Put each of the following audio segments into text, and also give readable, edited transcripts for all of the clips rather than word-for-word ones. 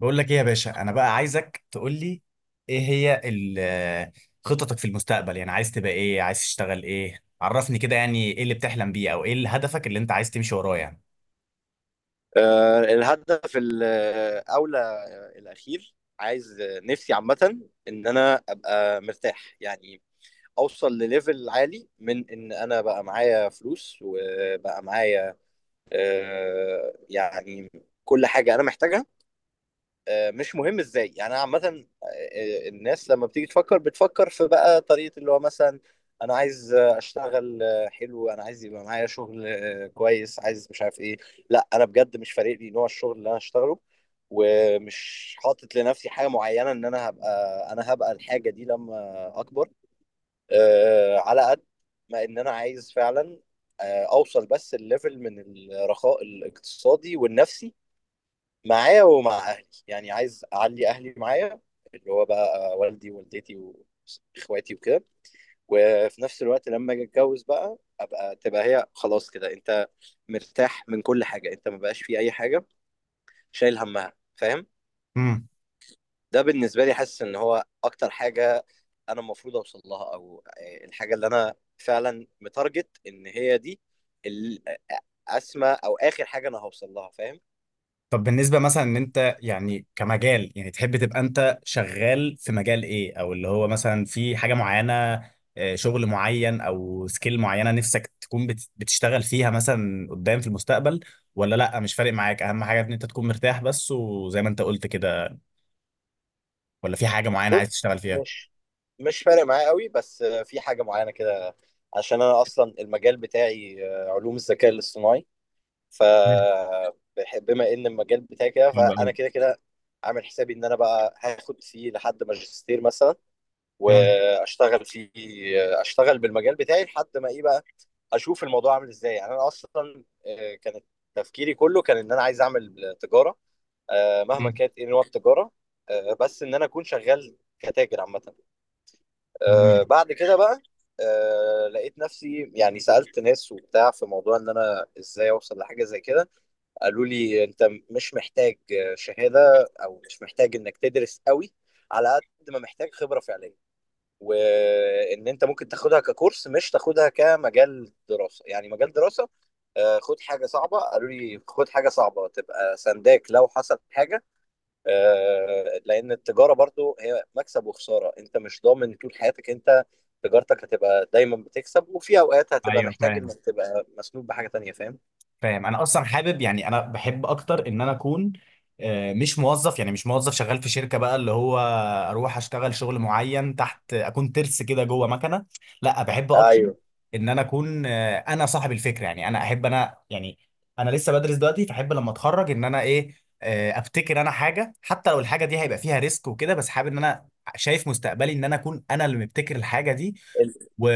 بقول لك ايه يا باشا، انا بقى عايزك تقول لي ايه هي خططك في المستقبل. يعني عايز تبقى ايه، عايز تشتغل ايه، عرفني كده، يعني ايه اللي بتحلم بيه او ايه اللي هدفك اللي انت عايز تمشي وراه يعني. الهدف الأولى الأخير، عايز نفسي عامة إن أنا أبقى مرتاح، يعني أوصل لليفل عالي من إن أنا بقى معايا فلوس وبقى معايا يعني كل حاجة أنا محتاجها. مش مهم ازاي، يعني انا عامه الناس لما بتيجي تفكر بتفكر في بقى طريقه اللي هو مثلا انا عايز اشتغل حلو، انا عايز يبقى معايا شغل كويس، عايز مش عارف ايه. لا انا بجد مش فارق لي نوع الشغل اللي انا هشتغله، ومش حاطط لنفسي حاجه معينه ان انا هبقى، انا هبقى الحاجه دي لما اكبر. على قد ما ان انا عايز فعلا اوصل بس الليفل من الرخاء الاقتصادي والنفسي معايا ومع اهلي، يعني عايز اعلي اهلي معايا اللي هو بقى والدي ووالدتي واخواتي وكده. وفي نفس الوقت لما اجي اتجوز بقى ابقى تبقى هي خلاص كده، انت مرتاح من كل حاجه، انت ما بقاش في اي حاجه شايل همها، فاهم؟ امم ده بالنسبه لي حاسس ان هو اكتر حاجه انا المفروض اوصل لها، او الحاجه اللي انا فعلا متارجت ان هي دي ال- اسمى او اخر حاجه انا هوصل لها، فاهم؟ طب بالنسبة مثلا ان انت يعني كمجال، يعني تحب تبقى انت شغال في مجال ايه، او اللي هو مثلا في حاجة معينة، شغل معين او سكيل معينة نفسك تكون بتشتغل فيها مثلا قدام في المستقبل، ولا لا مش فارق معاك، اهم حاجة ان انت تكون مرتاح بس وزي ما انت قلت كده، ولا في حاجة معينة عايز بص، تشتغل فيها؟ مش مش فارق معايا قوي، بس في حاجه معينه كده، عشان انا اصلا المجال بتاعي علوم الذكاء الاصطناعي. ف مم. بما ان المجال بتاعي كده، حلو قوي. فانا كده عامل حسابي ان انا بقى هاخد فيه لحد ماجستير مثلا، مم. واشتغل فيه. اشتغل بالمجال بتاعي لحد ما ايه بقى، اشوف الموضوع عامل ازاي. يعني انا اصلا كانت تفكيري كله كان ان انا عايز اعمل تجاره، مهما مم. كانت ايه نوع التجاره، بس ان انا اكون شغال كتاجر عامه. مم. بعد كده بقى لقيت نفسي يعني سألت ناس وبتاع في موضوع ان انا ازاي اوصل لحاجة زي كده، قالوا لي انت مش محتاج شهادة، او مش محتاج انك تدرس قوي على قد ما محتاج خبرة فعلية، وان انت ممكن تاخدها ككورس مش تاخدها كمجال دراسة. يعني مجال دراسة، خد حاجة صعبة، قالوا لي خد حاجة صعبة تبقى سنداك لو حصل حاجة، لان التجاره برضو هي مكسب وخساره، انت مش ضامن طول حياتك انت تجارتك هتبقى دايما بتكسب، وفي اوقات هتبقى ايوه محتاج فاهم. انك تبقى مسنود بحاجه تانية، فاهم؟ فاهم. انا اصلا حابب، يعني انا بحب اكتر ان انا اكون مش موظف، يعني مش موظف شغال في شركه بقى، اللي هو اروح اشتغل شغل معين تحت، اكون ترس كده جوه مكنه. لا، بحب اكتر ايوه. ان انا اكون انا صاحب الفكره. يعني انا احب، انا يعني انا لسه بدرس دلوقتي، فاحب لما اتخرج ان انا ايه، ابتكر انا حاجه، حتى لو الحاجه دي هيبقى فيها ريسك وكده، بس حابب ان انا شايف مستقبلي ان انا اكون انا اللي مبتكر الحاجه دي ال- و...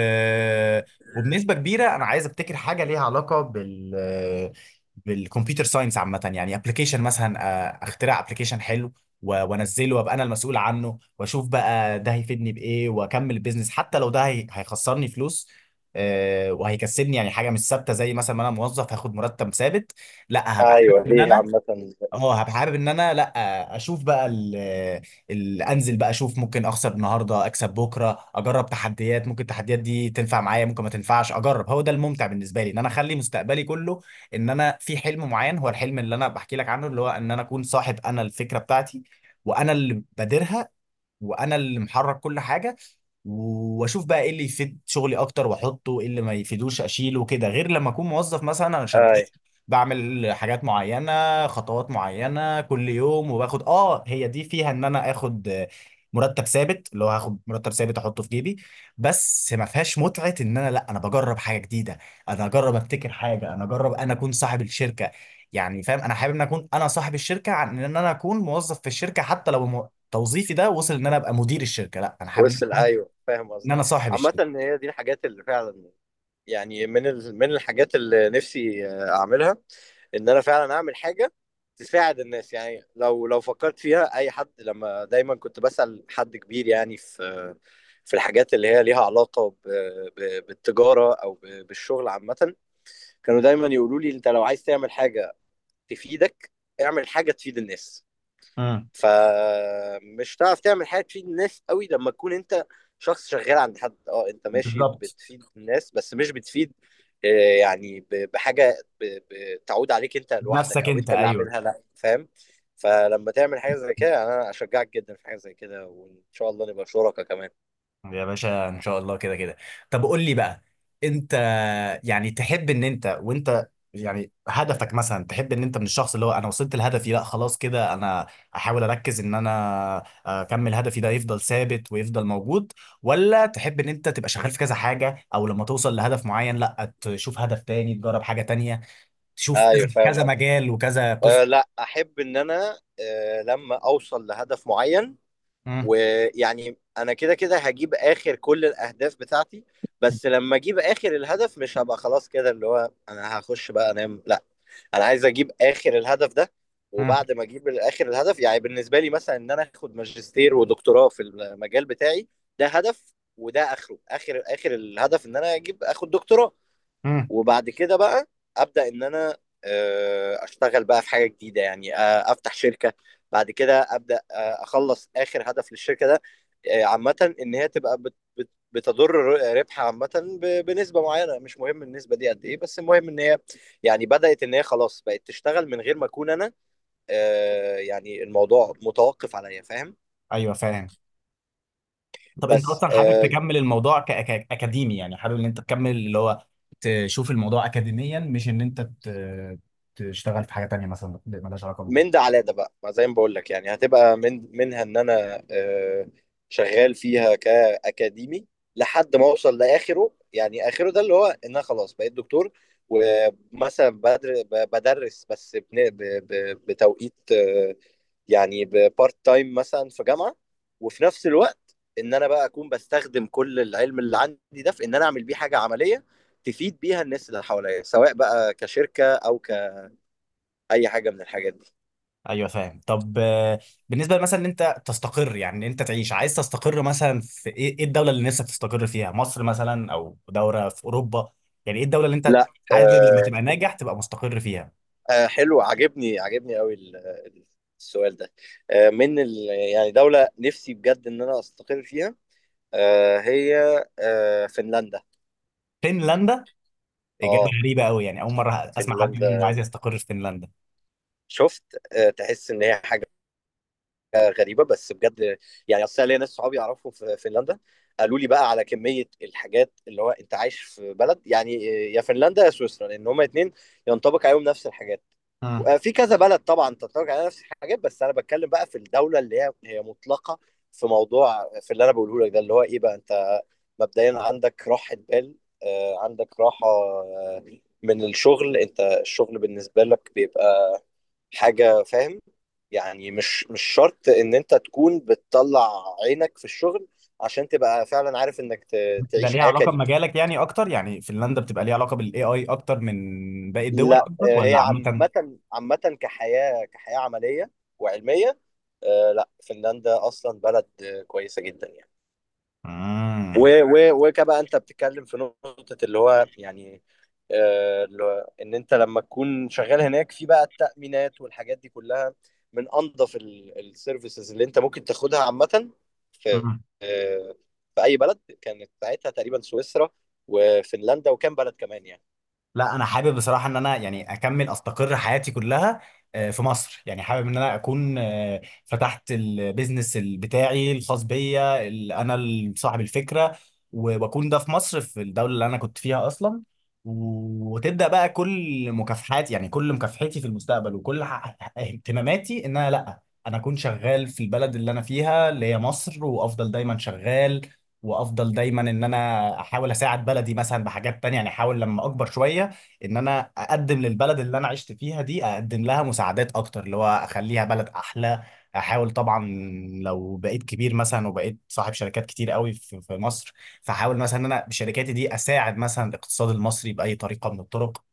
وبنسبه كبيره انا عايز ابتكر حاجه ليها علاقه بالكمبيوتر ساينس عامه، يعني ابلكيشن مثلا. اخترع ابلكيشن حلو وانزله وابقى انا المسؤول عنه، واشوف بقى ده هيفيدني بايه، واكمل البيزنس حتى لو ده هيخسرني فلوس، وهيكسبني يعني حاجه مش ثابته، زي مثلا ما انا موظف هاخد مرتب ثابت. لا، هبقى حابب ايوه ان دي انا، عامه. اه هبقى حابب ان انا لا اشوف بقى ال ال انزل بقى اشوف، ممكن اخسر النهارده اكسب بكره، اجرب تحديات، ممكن التحديات دي تنفع معايا ممكن ما تنفعش، اجرب، هو ده الممتع بالنسبه لي، ان انا اخلي مستقبلي كله ان انا في حلم معين، هو الحلم اللي انا بحكي لك عنه، اللي هو ان انا اكون صاحب انا الفكره بتاعتي، وانا اللي بادرها، وانا اللي محرك كل حاجه، واشوف بقى ايه اللي يفيد شغلي اكتر واحطه، ايه اللي ما يفيدوش اشيله كده. غير لما اكون موظف مثلا، انا شغال ايوه، بعمل حاجات معينه خطوات معينه كل يوم وباخد، اه هي دي فيها ان انا اخد مرتب ثابت، اللي هو هاخد مرتب ثابت احطه في جيبي، بس ما فيهاش متعه. ان انا لا، انا بجرب حاجه جديده، انا اجرب ابتكر حاجه، انا اجرب انا اكون صاحب الشركه. يعني فاهم، انا حابب ان اكون انا صاحب الشركه عن ان انا اكون موظف في الشركه، حتى لو توظيفي ده وصل ان انا ابقى مدير الشركه. لا، انا حابب ان وصل، ايوه فاهم إن قصدك. انا صاحب عامه الشركه. هي دي الحاجات اللي فعلا يعني من من الحاجات اللي نفسي اعملها، ان انا فعلا اعمل حاجه تساعد الناس. يعني لو فكرت فيها اي حد، لما دايما كنت بسأل حد كبير يعني في في الحاجات اللي هي ليها علاقه بالتجاره او بالشغل عامه، كانوا دايما يقولوا لي انت لو عايز تعمل حاجه تفيدك، اعمل حاجه تفيد الناس. امم فمش هتعرف تعمل حاجه تفيد الناس قوي لما تكون انت شخص شغال عند حد. اه انت ماشي بالظبط. بتفيد الناس، بس مش بتفيد آه، يعني بحاجه بتعود عليك انت لوحدك، بنفسك او انت، انت اللي ايوه عاملها، لا، فاهم؟ فلما تعمل حاجه زي كده، انا اشجعك جدا في حاجه زي كده، وان شاء الله نبقى شركاء كمان. يا باشا ان شاء الله كده كده. طب قول لي بقى، انت يعني تحب ان انت، وانت يعني هدفك مثلا تحب ان انت من الشخص اللي هو انا وصلت لهدفي، لا خلاص كده انا احاول اركز ان انا اكمل هدفي ده يفضل ثابت ويفضل موجود، ولا تحب ان انت تبقى شغال في كذا حاجة، او لما توصل لهدف معين لا تشوف هدف تاني تجرب حاجة تانية، تشوف ايوه كذا فاهم كذا قصدك. مجال وكذا أه قصه؟ لا، احب ان انا أه لما اوصل لهدف معين، مم. ويعني انا كده كده هجيب اخر كل الاهداف بتاعتي، بس لما اجيب اخر الهدف مش هبقى خلاص كده اللي هو انا هخش بقى انام، لا. انا عايز اجيب اخر الهدف ده، مم. وبعد ما اجيب اخر الهدف، يعني بالنسبه لي مثلا ان انا اخد ماجستير ودكتوراه في المجال بتاعي، ده هدف، وده اخره، اخر اخر الهدف ان انا اجيب اخد دكتوراه. مم. وبعد كده بقى ابدا ان انا اشتغل بقى في حاجه جديده، يعني افتح شركه. بعد كده ابدا اخلص اخر هدف للشركه ده، عامه ان هي تبقى بتضر ربحها عامه بنسبه معينه، مش مهم النسبه دي قد ايه، بس المهم ان هي يعني بدات ان هي خلاص بقت تشتغل من غير ما اكون انا يعني الموضوع متوقف عليا، فاهم؟ ايوه فاهم. طب انت بس اصلا حابب تكمل الموضوع كاكاديمي، يعني حابب ان انت تكمل اللي هو تشوف الموضوع اكاديميا، مش ان انت تشتغل في حاجه تانية مثلا مالهاش علاقه بالموضوع؟ من ده على ده بقى، ما زي ما بقول لك، يعني هتبقى من منها ان انا شغال فيها كاكاديمي لحد ما اوصل لاخره، يعني اخره ده اللي هو ان انا خلاص بقيت دكتور، ومثلا بدرس بس بتوقيت يعني بارت تايم مثلا في جامعه. وفي نفس الوقت ان انا بقى اكون بستخدم كل العلم اللي عندي ده في ان انا اعمل بيه حاجه عمليه تفيد بيها الناس اللي حواليا، سواء بقى كشركه او كاي حاجه من الحاجات دي. ايوه فاهم. طب بالنسبه مثلا ان انت تستقر، يعني ان انت تعيش عايز تستقر مثلا في ايه، إيه الدوله اللي نفسك تستقر فيها؟ مصر مثلا او دوله في اوروبا، يعني ايه الدوله اللي انت لا حابب لما تبقى ناجح تبقى مستقر فيها؟ حلو، عجبني قوي السؤال ده. آه من ال يعني دولة نفسي بجد ان انا استقر فيها هي فنلندا. فنلندا؟ اجابه اه غريبه قوي، يعني اول مره اسمع حد يقول انه فنلندا، عايز يستقر في فنلندا. شفت؟ تحس ان هي حاجة غريبه بس بجد. يعني اصل أنا ليا ناس صحابي يعرفهم في فنلندا، قالوا لي بقى على كميه الحاجات اللي هو انت عايش في بلد، يعني يا فنلندا يا سويسرا، لان هما اتنين ينطبق عليهم نفس الحاجات. مم. في كذا بلد طبعا تنطبق عليها نفس الحاجات، بس انا بتكلم بقى في الدوله اللي هي مطلقه في موضوع، في اللي انا بقوله لك ده اللي هو ايه بقى، انت مبدئيا عندك راحه بال، عندك راحه من الشغل، انت الشغل بالنسبه لك بيبقى حاجة، فاهم؟ يعني مش شرط ان انت تكون بتطلع عينك في الشغل عشان تبقى فعلا عارف انك ده تعيش ليها حياة علاقه كريمة. بمجالك يعني اكتر؟ يعني فنلندا بتبقى ليها علاقه بالاي اي اكتر من باقي الدول لا قصدك هي ولا عامه؟ عامة، عامة كحياة، كحياة عملية وعلمية. لا فنلندا اصلا بلد كويسة جدا يعني. و امم و وكبقى انت بتتكلم في نقطة اللي هو يعني اللي هو ان انت لما تكون شغال هناك، في بقى التأمينات والحاجات دي كلها من انظف السيرفيسز اللي انت ممكن تاخدها عامة في مم. آه، في اي بلد، كانت ساعتها تقريبا سويسرا وفنلندا وكام بلد كمان يعني. لا، انا حابب بصراحه ان انا يعني اكمل استقر حياتي كلها في مصر. يعني حابب ان انا اكون فتحت البيزنس بتاعي الخاص بيا، انا صاحب الفكره، واكون ده في مصر، في الدوله اللي انا كنت فيها اصلا، وتبدا بقى كل مكافحاتي، يعني كل مكافحتي في المستقبل وكل اهتماماتي، ان انا لا، انا اكون شغال في البلد اللي انا فيها اللي هي مصر، وافضل دايما شغال، وافضل دايما ان انا احاول اساعد بلدي مثلا بحاجات تانية. يعني احاول لما اكبر شوية ان انا اقدم للبلد اللي انا عشت فيها دي، اقدم لها مساعدات اكتر، اللي هو اخليها بلد احلى. احاول طبعا لو بقيت كبير مثلا وبقيت صاحب شركات كتير قوي في مصر، فحاول مثلا ان انا بشركاتي دي اساعد مثلا الاقتصاد المصري باي طريقه من الطرق.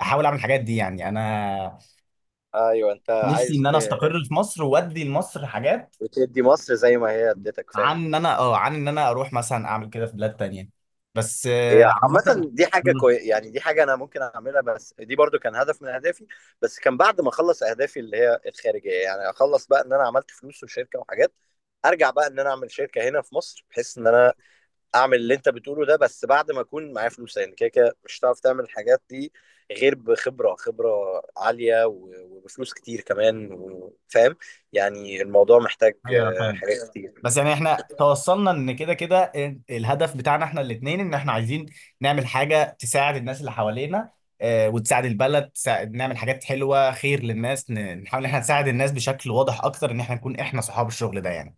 احاول اعمل الحاجات دي. يعني انا ايوه، انت نفسي ان عايز انا استقر في مصر وادي لمصر حاجات، تدي مصر زي ما هي اديتك، فاهم؟ عن ان انا اه عن ان انا اروح مثلا اعمل كده في بلاد تانية. بس هي عامة. عامة دي حاجة مم. كوي... يعني دي حاجة أنا ممكن أعملها، بس دي برضو كان هدف من أهدافي، بس كان بعد ما أخلص أهدافي اللي هي الخارجية. يعني أخلص بقى إن أنا عملت فلوس وشركة وحاجات، أرجع بقى إن أنا أعمل شركة هنا في مصر، بحيث إن أنا أعمل اللي أنت بتقوله ده، بس بعد ما أكون معايا فلوس، يعني كده كده مش هتعرف تعمل الحاجات دي غير بخبرة عالية و... وبفلوس كتير كمان، و- فاهم؟ يعني الموضوع محتاج ايوه فاهم. حاجات كتير. بس يعني احنا توصلنا ان كده كده الهدف بتاعنا احنا الاثنين ان احنا عايزين نعمل حاجة تساعد الناس اللي حوالينا، وتساعد البلد، تساعد نعمل حاجات حلوة خير للناس، نحاول ان احنا نساعد الناس بشكل واضح اكتر ان احنا نكون احنا صحاب الشغل ده يعني.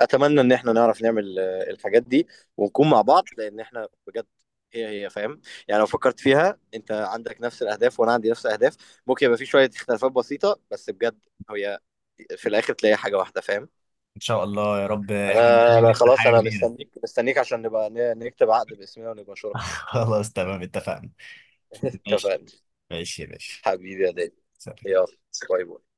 اتمنى ان احنا نعرف نعمل الحاجات دي ونكون مع بعض، لان احنا بجد هي فاهم؟ يعني لو فكرت فيها، انت عندك نفس الاهداف وانا عندي نفس الاهداف، ممكن يبقى في شويه اختلافات بسيطه، بس بجد هي في الاخر تلاقي حاجه واحده، فاهم؟ ان شاء الله يا رب احنا انا الاثنين انا نفتح خلاص، حاجة انا كبيرة. مستنيك عشان نبقى نكتب عقد باسمنا ونبقى شركاء. خلاص تمام، اتفقنا. ماشي، اتفقنا. ماشي يا باشا. حبيبي يا دادي، سلام. يلا، باي باي.